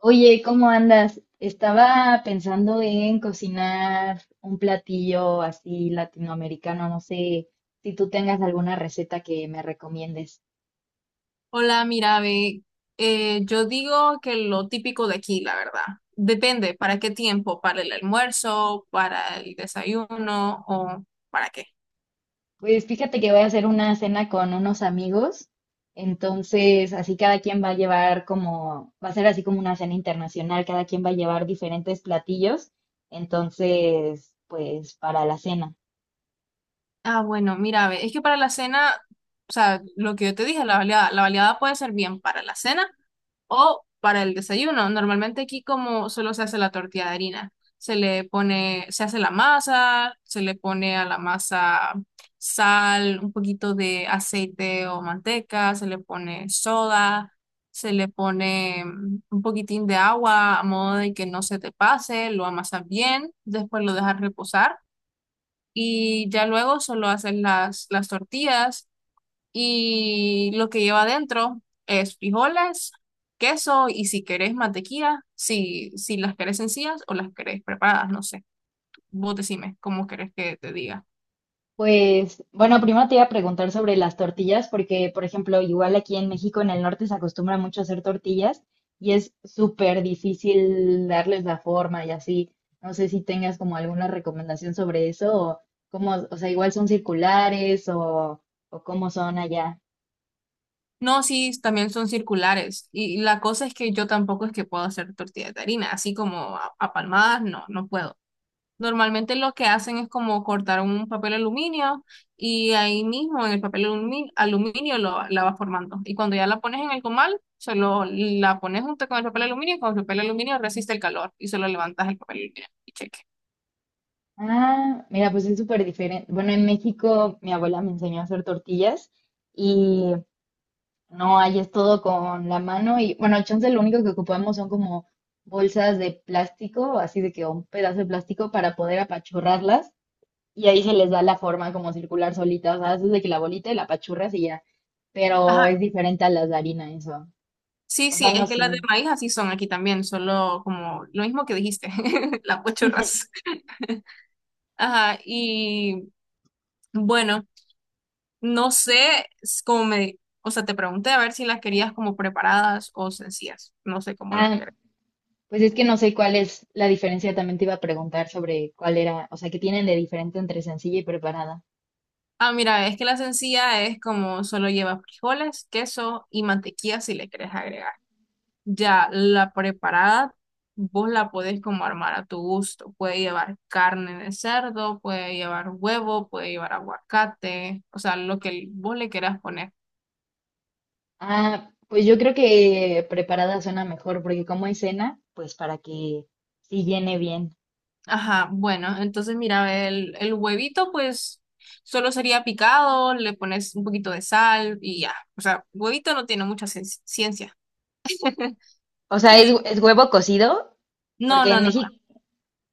Oye, ¿cómo andas? Estaba pensando en cocinar un platillo así latinoamericano. No sé si tú tengas alguna receta que me recomiendes. Hola, mira, ve, yo digo que lo típico de aquí, la verdad. Depende, ¿para qué tiempo? ¿Para el almuerzo? ¿Para el desayuno? ¿O para qué? Pues fíjate que voy a hacer una cena con unos amigos. Entonces, así cada quien va a llevar como, va a ser así como una cena internacional. Cada quien va a llevar diferentes platillos. Entonces, pues para la cena. Ah, bueno, mira, ve, es que para la cena, o sea, lo que yo te dije, la baleada puede ser bien para la cena o para el desayuno. Normalmente aquí como solo se hace la tortilla de harina, se le pone, se hace la masa, se le pone a la masa sal, un poquito de aceite o manteca, se le pone soda, se le pone un poquitín de agua a modo de que no se te pase, lo amasas bien, después lo dejas reposar y ya luego solo haces las tortillas, y lo que lleva adentro es frijoles, queso y si querés mantequilla, si, si las querés sencillas o las querés preparadas, no sé. Vos decime cómo querés que te diga. Pues bueno, primero te iba a preguntar sobre las tortillas, porque por ejemplo, igual aquí en México, en el norte, se acostumbra mucho a hacer tortillas y es súper difícil darles la forma y así. No sé si tengas como alguna recomendación sobre eso o cómo, o sea, igual son circulares o cómo son allá. No, sí, también son circulares. Y la cosa es que yo tampoco es que puedo hacer tortilla de harina, así como a palmadas, no, no puedo. Normalmente lo que hacen es como cortar un papel aluminio y ahí mismo en el papel aluminio, lo, la vas formando. Y cuando ya la pones en el comal, solo la pones junto con el papel aluminio y con el papel aluminio resiste el calor y solo levantas el papel aluminio y cheque. Ah, mira, pues es súper diferente. Bueno, en México mi abuela me enseñó a hacer tortillas. No, ahí es todo con la mano y bueno, chance lo único que ocupamos son como bolsas de plástico, así de que un pedazo de plástico para poder apachurrarlas y ahí se les da la forma como circular solita, o sea, haces de que la bolita y la apachurras y ya, pero Ajá. es diferente a las de harina eso, Sí, o sí, sea, no es que sé. las de maíz así son aquí también, solo como lo mismo que dijiste, las pochorras. Ajá, y bueno, no sé s- cómo me, o sea, te pregunté a ver si las querías como preparadas o sencillas, no sé cómo las. Ah, pues es que no sé cuál es la diferencia, también te iba a preguntar sobre cuál era, o sea, qué tienen de diferente entre sencilla y preparada. Ah, mira, es que la sencilla es como solo lleva frijoles, queso y mantequilla si le querés agregar. Ya la preparada, vos la podés como armar a tu gusto. Puede llevar carne de cerdo, puede llevar huevo, puede llevar aguacate, o sea, lo que vos le quieras poner. Ah, pues yo creo que preparada suena mejor, porque como es cena, pues para que sí llene bien. Ajá, bueno, entonces mira, el huevito pues solo sería picado, le pones un poquito de sal y ya. O sea, huevito no tiene mucha ciencia. O sea, ¿es, Y es huevo cocido? no, Porque no, en no. México,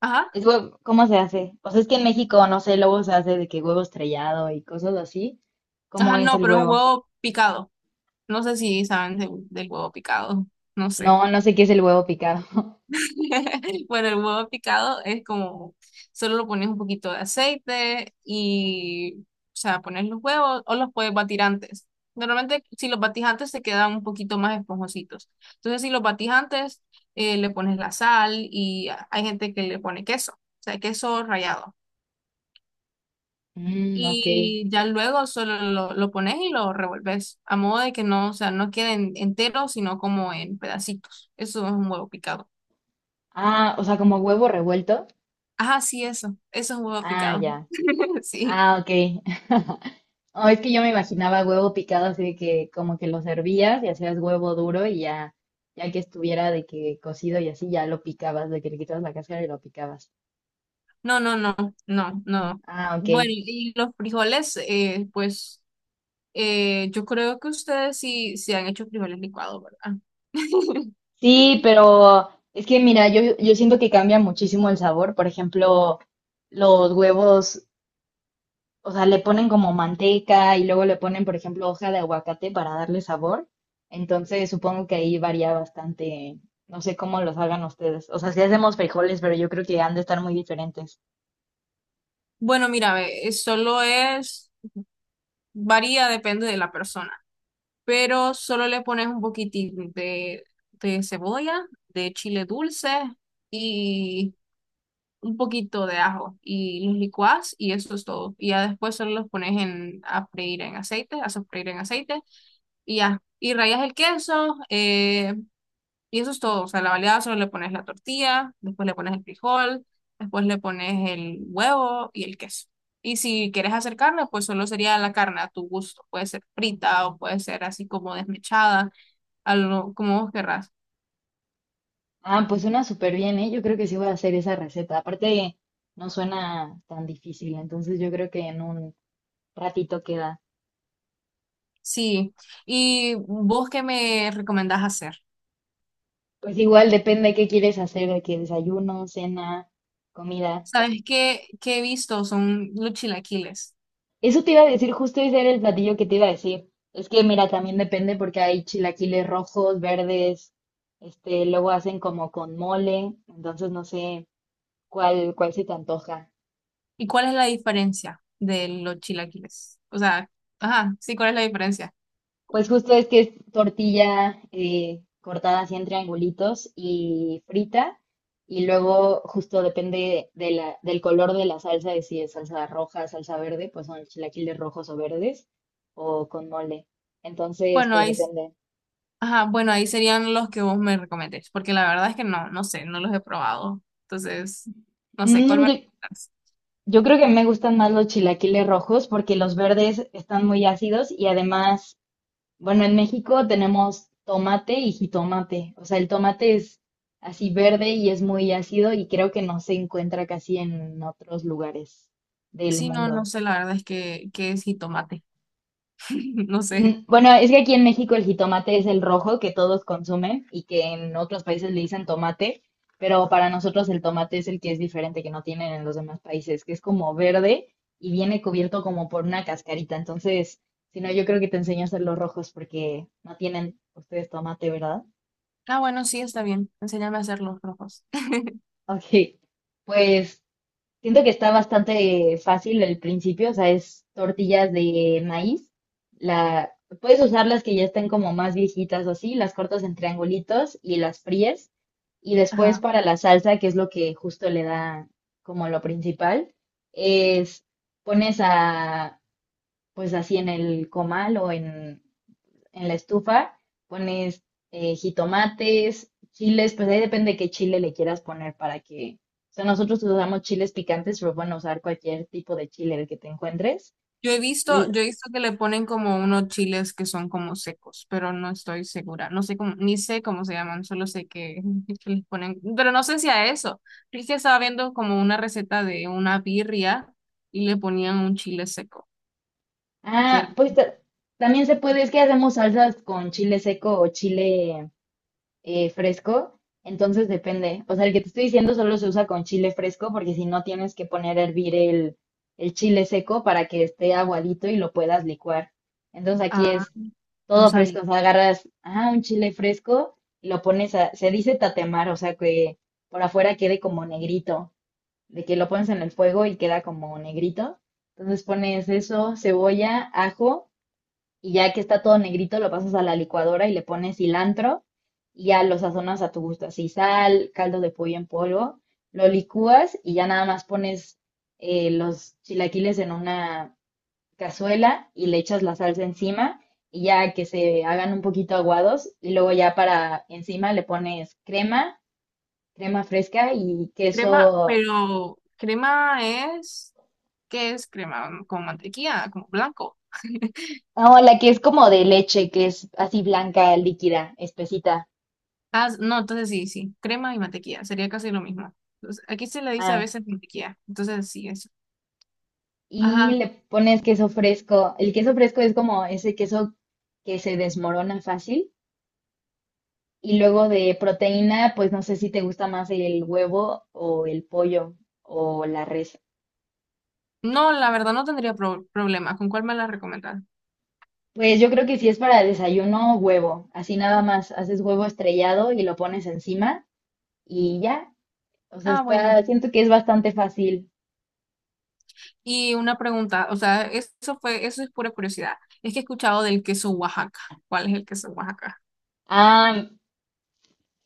Ajá. es huevo, ¿cómo se hace? O sea, es que en México, no sé, luego se hace de que huevo estrellado y cosas así. ¿Cómo Ajá, es no, el pero es un huevo? huevo picado. No sé si saben del huevo picado. No sé. No, no sé qué es el huevo picado. Bueno, el huevo picado es como, solo lo pones un poquito de aceite y, o sea, pones los huevos o los puedes batir antes. Normalmente, si los batís antes, se quedan un poquito más esponjositos. Entonces, si los batís antes, le pones la sal y hay gente que le pone queso, o sea, queso rallado. Mm, ok. Y ya luego solo lo pones y lo revuelves, a modo de que no, o sea, no queden enteros, sino como en pedacitos. Eso es un huevo picado. Ah, o sea, como huevo revuelto. Ajá, sí, eso es un huevo Ah, picado. ya. Sí. Ah, ok. Oh, es que yo me imaginaba huevo picado así de que como que lo servías y hacías huevo duro y ya, ya que estuviera de que cocido y así ya lo picabas, de que le quitabas la cáscara y lo picabas. No, no, no, no, no. Ah, Bueno, ok. y los frijoles, pues yo creo que ustedes sí, sí han hecho frijoles licuados, ¿verdad? Sí, pero es que mira, yo siento que cambia muchísimo el sabor. Por ejemplo, los huevos, o sea, le ponen como manteca y luego le ponen, por ejemplo, hoja de aguacate para darle sabor. Entonces supongo que ahí varía bastante. No sé cómo los hagan ustedes. O sea, si hacemos frijoles, pero yo creo que han de estar muy diferentes. Bueno, mira, ve, solo es, varía, depende de la persona. Pero solo le pones un poquitín de cebolla, de chile dulce y un poquito de ajo y los licuás y eso es todo. Y ya después solo los pones en, a freír en aceite, a sofreír en aceite y ya. Y rayas el queso y eso es todo. O sea, la baleada solo le pones la tortilla, después le pones el frijol, después le pones el huevo y el queso. Y si quieres hacer carne, pues solo sería la carne a tu gusto. Puede ser frita o puede ser así como desmechada como vos querrás. Ah, pues suena súper bien, ¿eh? Yo creo que sí voy a hacer esa receta. Aparte, no suena tan difícil, entonces yo creo que en un ratito queda. Sí. ¿Y vos qué me recomendás hacer? Pues igual depende qué quieres hacer, de qué desayuno, cena, comida. ¿Sabes qué, qué he visto? Son los chilaquiles. Eso te iba a decir, justo ese era el platillo que te iba a decir. Es que mira, también depende porque hay chilaquiles rojos, verdes, este, luego hacen como con mole, entonces no sé cuál se te antoja. ¿Y cuál es la diferencia de los chilaquiles? O sea, ajá, sí, ¿cuál es la diferencia? Pues justo es que es tortilla cortada así en triangulitos y frita. Y luego justo depende de la, del color de la salsa, de si es salsa roja, salsa verde, pues son chilaquiles rojos o verdes o con mole. Entonces, Bueno, pues ahí, depende. ajá, bueno, ahí serían los que vos me recomendés, porque la verdad es que no, no sé, no los he probado. Entonces, no sé, ¿cuál Mm, me recomendás? yo creo que me gustan más los chilaquiles rojos porque los verdes están muy ácidos y además bueno, en México tenemos tomate y jitomate. O sea, el tomate es así verde y es muy ácido y creo que no se encuentra casi en otros lugares del Sí, no, no mundo. sé, la verdad es que es jitomate. No sé. Bueno, es que aquí en México el jitomate es el rojo que todos consumen y que en otros países le dicen tomate, pero para nosotros el tomate es el que es diferente, que no tienen en los demás países, que es como verde y viene cubierto como por una cascarita. Entonces, si no, yo creo que te enseño a hacer los rojos porque no tienen ustedes tomate, ¿verdad? Ah, bueno, sí, está bien. Enséñame a hacer los rojos. Ok, pues siento que está bastante fácil el principio, o sea, es tortillas de maíz. La, puedes usar las que ya estén como más viejitas o así, las cortas en triangulitos y las fríes. Y después Ajá. para la salsa, que es lo que justo le da como lo principal, es pones a, pues así en el comal o en la estufa, pones jitomates, chiles, pues ahí depende qué chile le quieras poner para que, o sea, nosotros usamos chiles picantes, pero bueno, usar cualquier tipo de chile el que te encuentres. Y, Yo he visto que le ponen como unos chiles que son como secos, pero no estoy segura. No sé cómo, ni sé cómo se llaman, solo sé que, que les ponen, pero no sé si a eso. Es que estaba viendo como una receta de una birria y le ponían un chile seco, que era- ah, pues también se puede, es que hacemos salsas con chile seco o chile fresco, entonces depende. O sea, el que te estoy diciendo solo se usa con chile fresco porque si no tienes que poner a hervir el chile seco para que esté aguadito y lo puedas licuar. Entonces aquí ah, es no todo sabía. fresco, o sea, agarras, ah, un chile fresco y lo pones a, se dice tatemar, o sea, que por afuera quede como negrito, de que lo pones en el fuego y queda como negrito. Entonces pones eso, cebolla, ajo y ya que está todo negrito lo pasas a la licuadora y le pones cilantro y ya lo sazonas a tu gusto, así sal, caldo de pollo en polvo, lo licúas y ya nada más pones los chilaquiles en una cazuela y le echas la salsa encima y ya que se hagan un poquito aguados y luego ya para encima le pones crema, crema fresca y Crema, queso, pero crema es, ¿qué es crema? Con mantequilla, como blanco. no, la que es como de leche, que es así blanca, líquida, espesita. Ah, no, entonces sí, sí, crema y mantequilla, sería casi lo mismo. Entonces, aquí se le dice a Ah, veces mantequilla, entonces sí, eso. y Ajá. le pones queso fresco. El queso fresco es como ese queso que se desmorona fácil. Y luego de proteína, pues no sé si te gusta más el huevo o el pollo o la res. No, la verdad no tendría problema. ¿Con cuál me la recomendas? Pues yo creo que si es para desayuno, huevo. Así nada más, haces huevo estrellado y lo pones encima y ya. O sea, Ah, bueno. está, siento que es bastante fácil. Y una pregunta, o sea, eso fue, eso es pura curiosidad. Es que he escuchado del queso Oaxaca. ¿Cuál es el queso Oaxaca? Ah,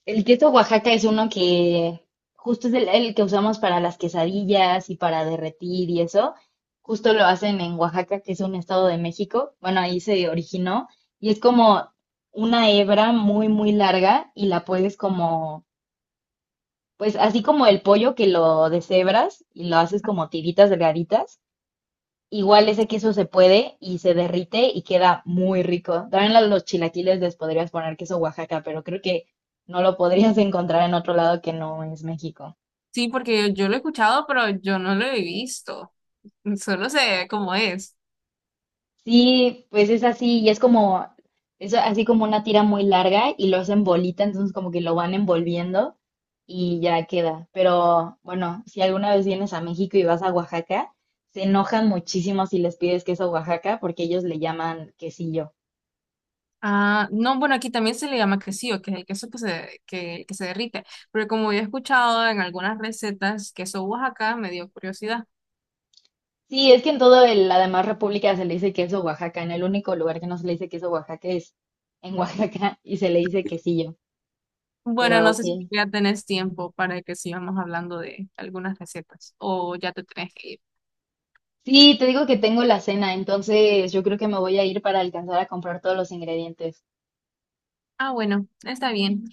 el queso Oaxaca es uno que justo es el que usamos para las quesadillas y para derretir y eso. Justo lo hacen en Oaxaca, que es un estado de México. Bueno, ahí se originó y es como una hebra muy, muy larga y la puedes como, pues así como el pollo que lo deshebras y lo haces como tiritas delgaditas. Igual ese queso se puede y se derrite y queda muy rico. También a los chilaquiles les podrías poner queso Oaxaca, pero creo que no lo podrías encontrar en otro lado que no es México. Sí, porque yo lo he escuchado, pero yo no lo he visto. Solo sé cómo es. Sí, pues es así y es como, es así como una tira muy larga y lo hacen bolita, entonces como que lo van envolviendo y ya queda. Pero bueno, si alguna vez vienes a México y vas a Oaxaca, se enojan muchísimo si les pides queso Oaxaca porque ellos le llaman quesillo. Ah, no, bueno, aquí también se le llama quesillo, que es el queso que se derrite. Pero como yo he escuchado en algunas recetas queso Oaxaca, me dio curiosidad. Sí, es que en toda la demás república se le dice queso Oaxaca. En el único lugar que no se le dice queso Oaxaca es en Oaxaca y se le dice quesillo. Bueno, Pero no sé si sí. ya tenés tiempo para que sigamos hablando de algunas recetas o ya te tenés que ir. Sí, te digo que tengo la cena, entonces yo creo que me voy a ir para alcanzar a comprar todos los ingredientes. Ah, bueno, está bien.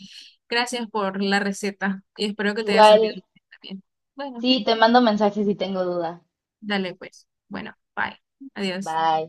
Gracias por la receta y espero que te haya Igual, servido. Está bien. Bueno, sí, te mando mensajes si tengo duda. dale pues. Bueno, bye. Adiós. Bye.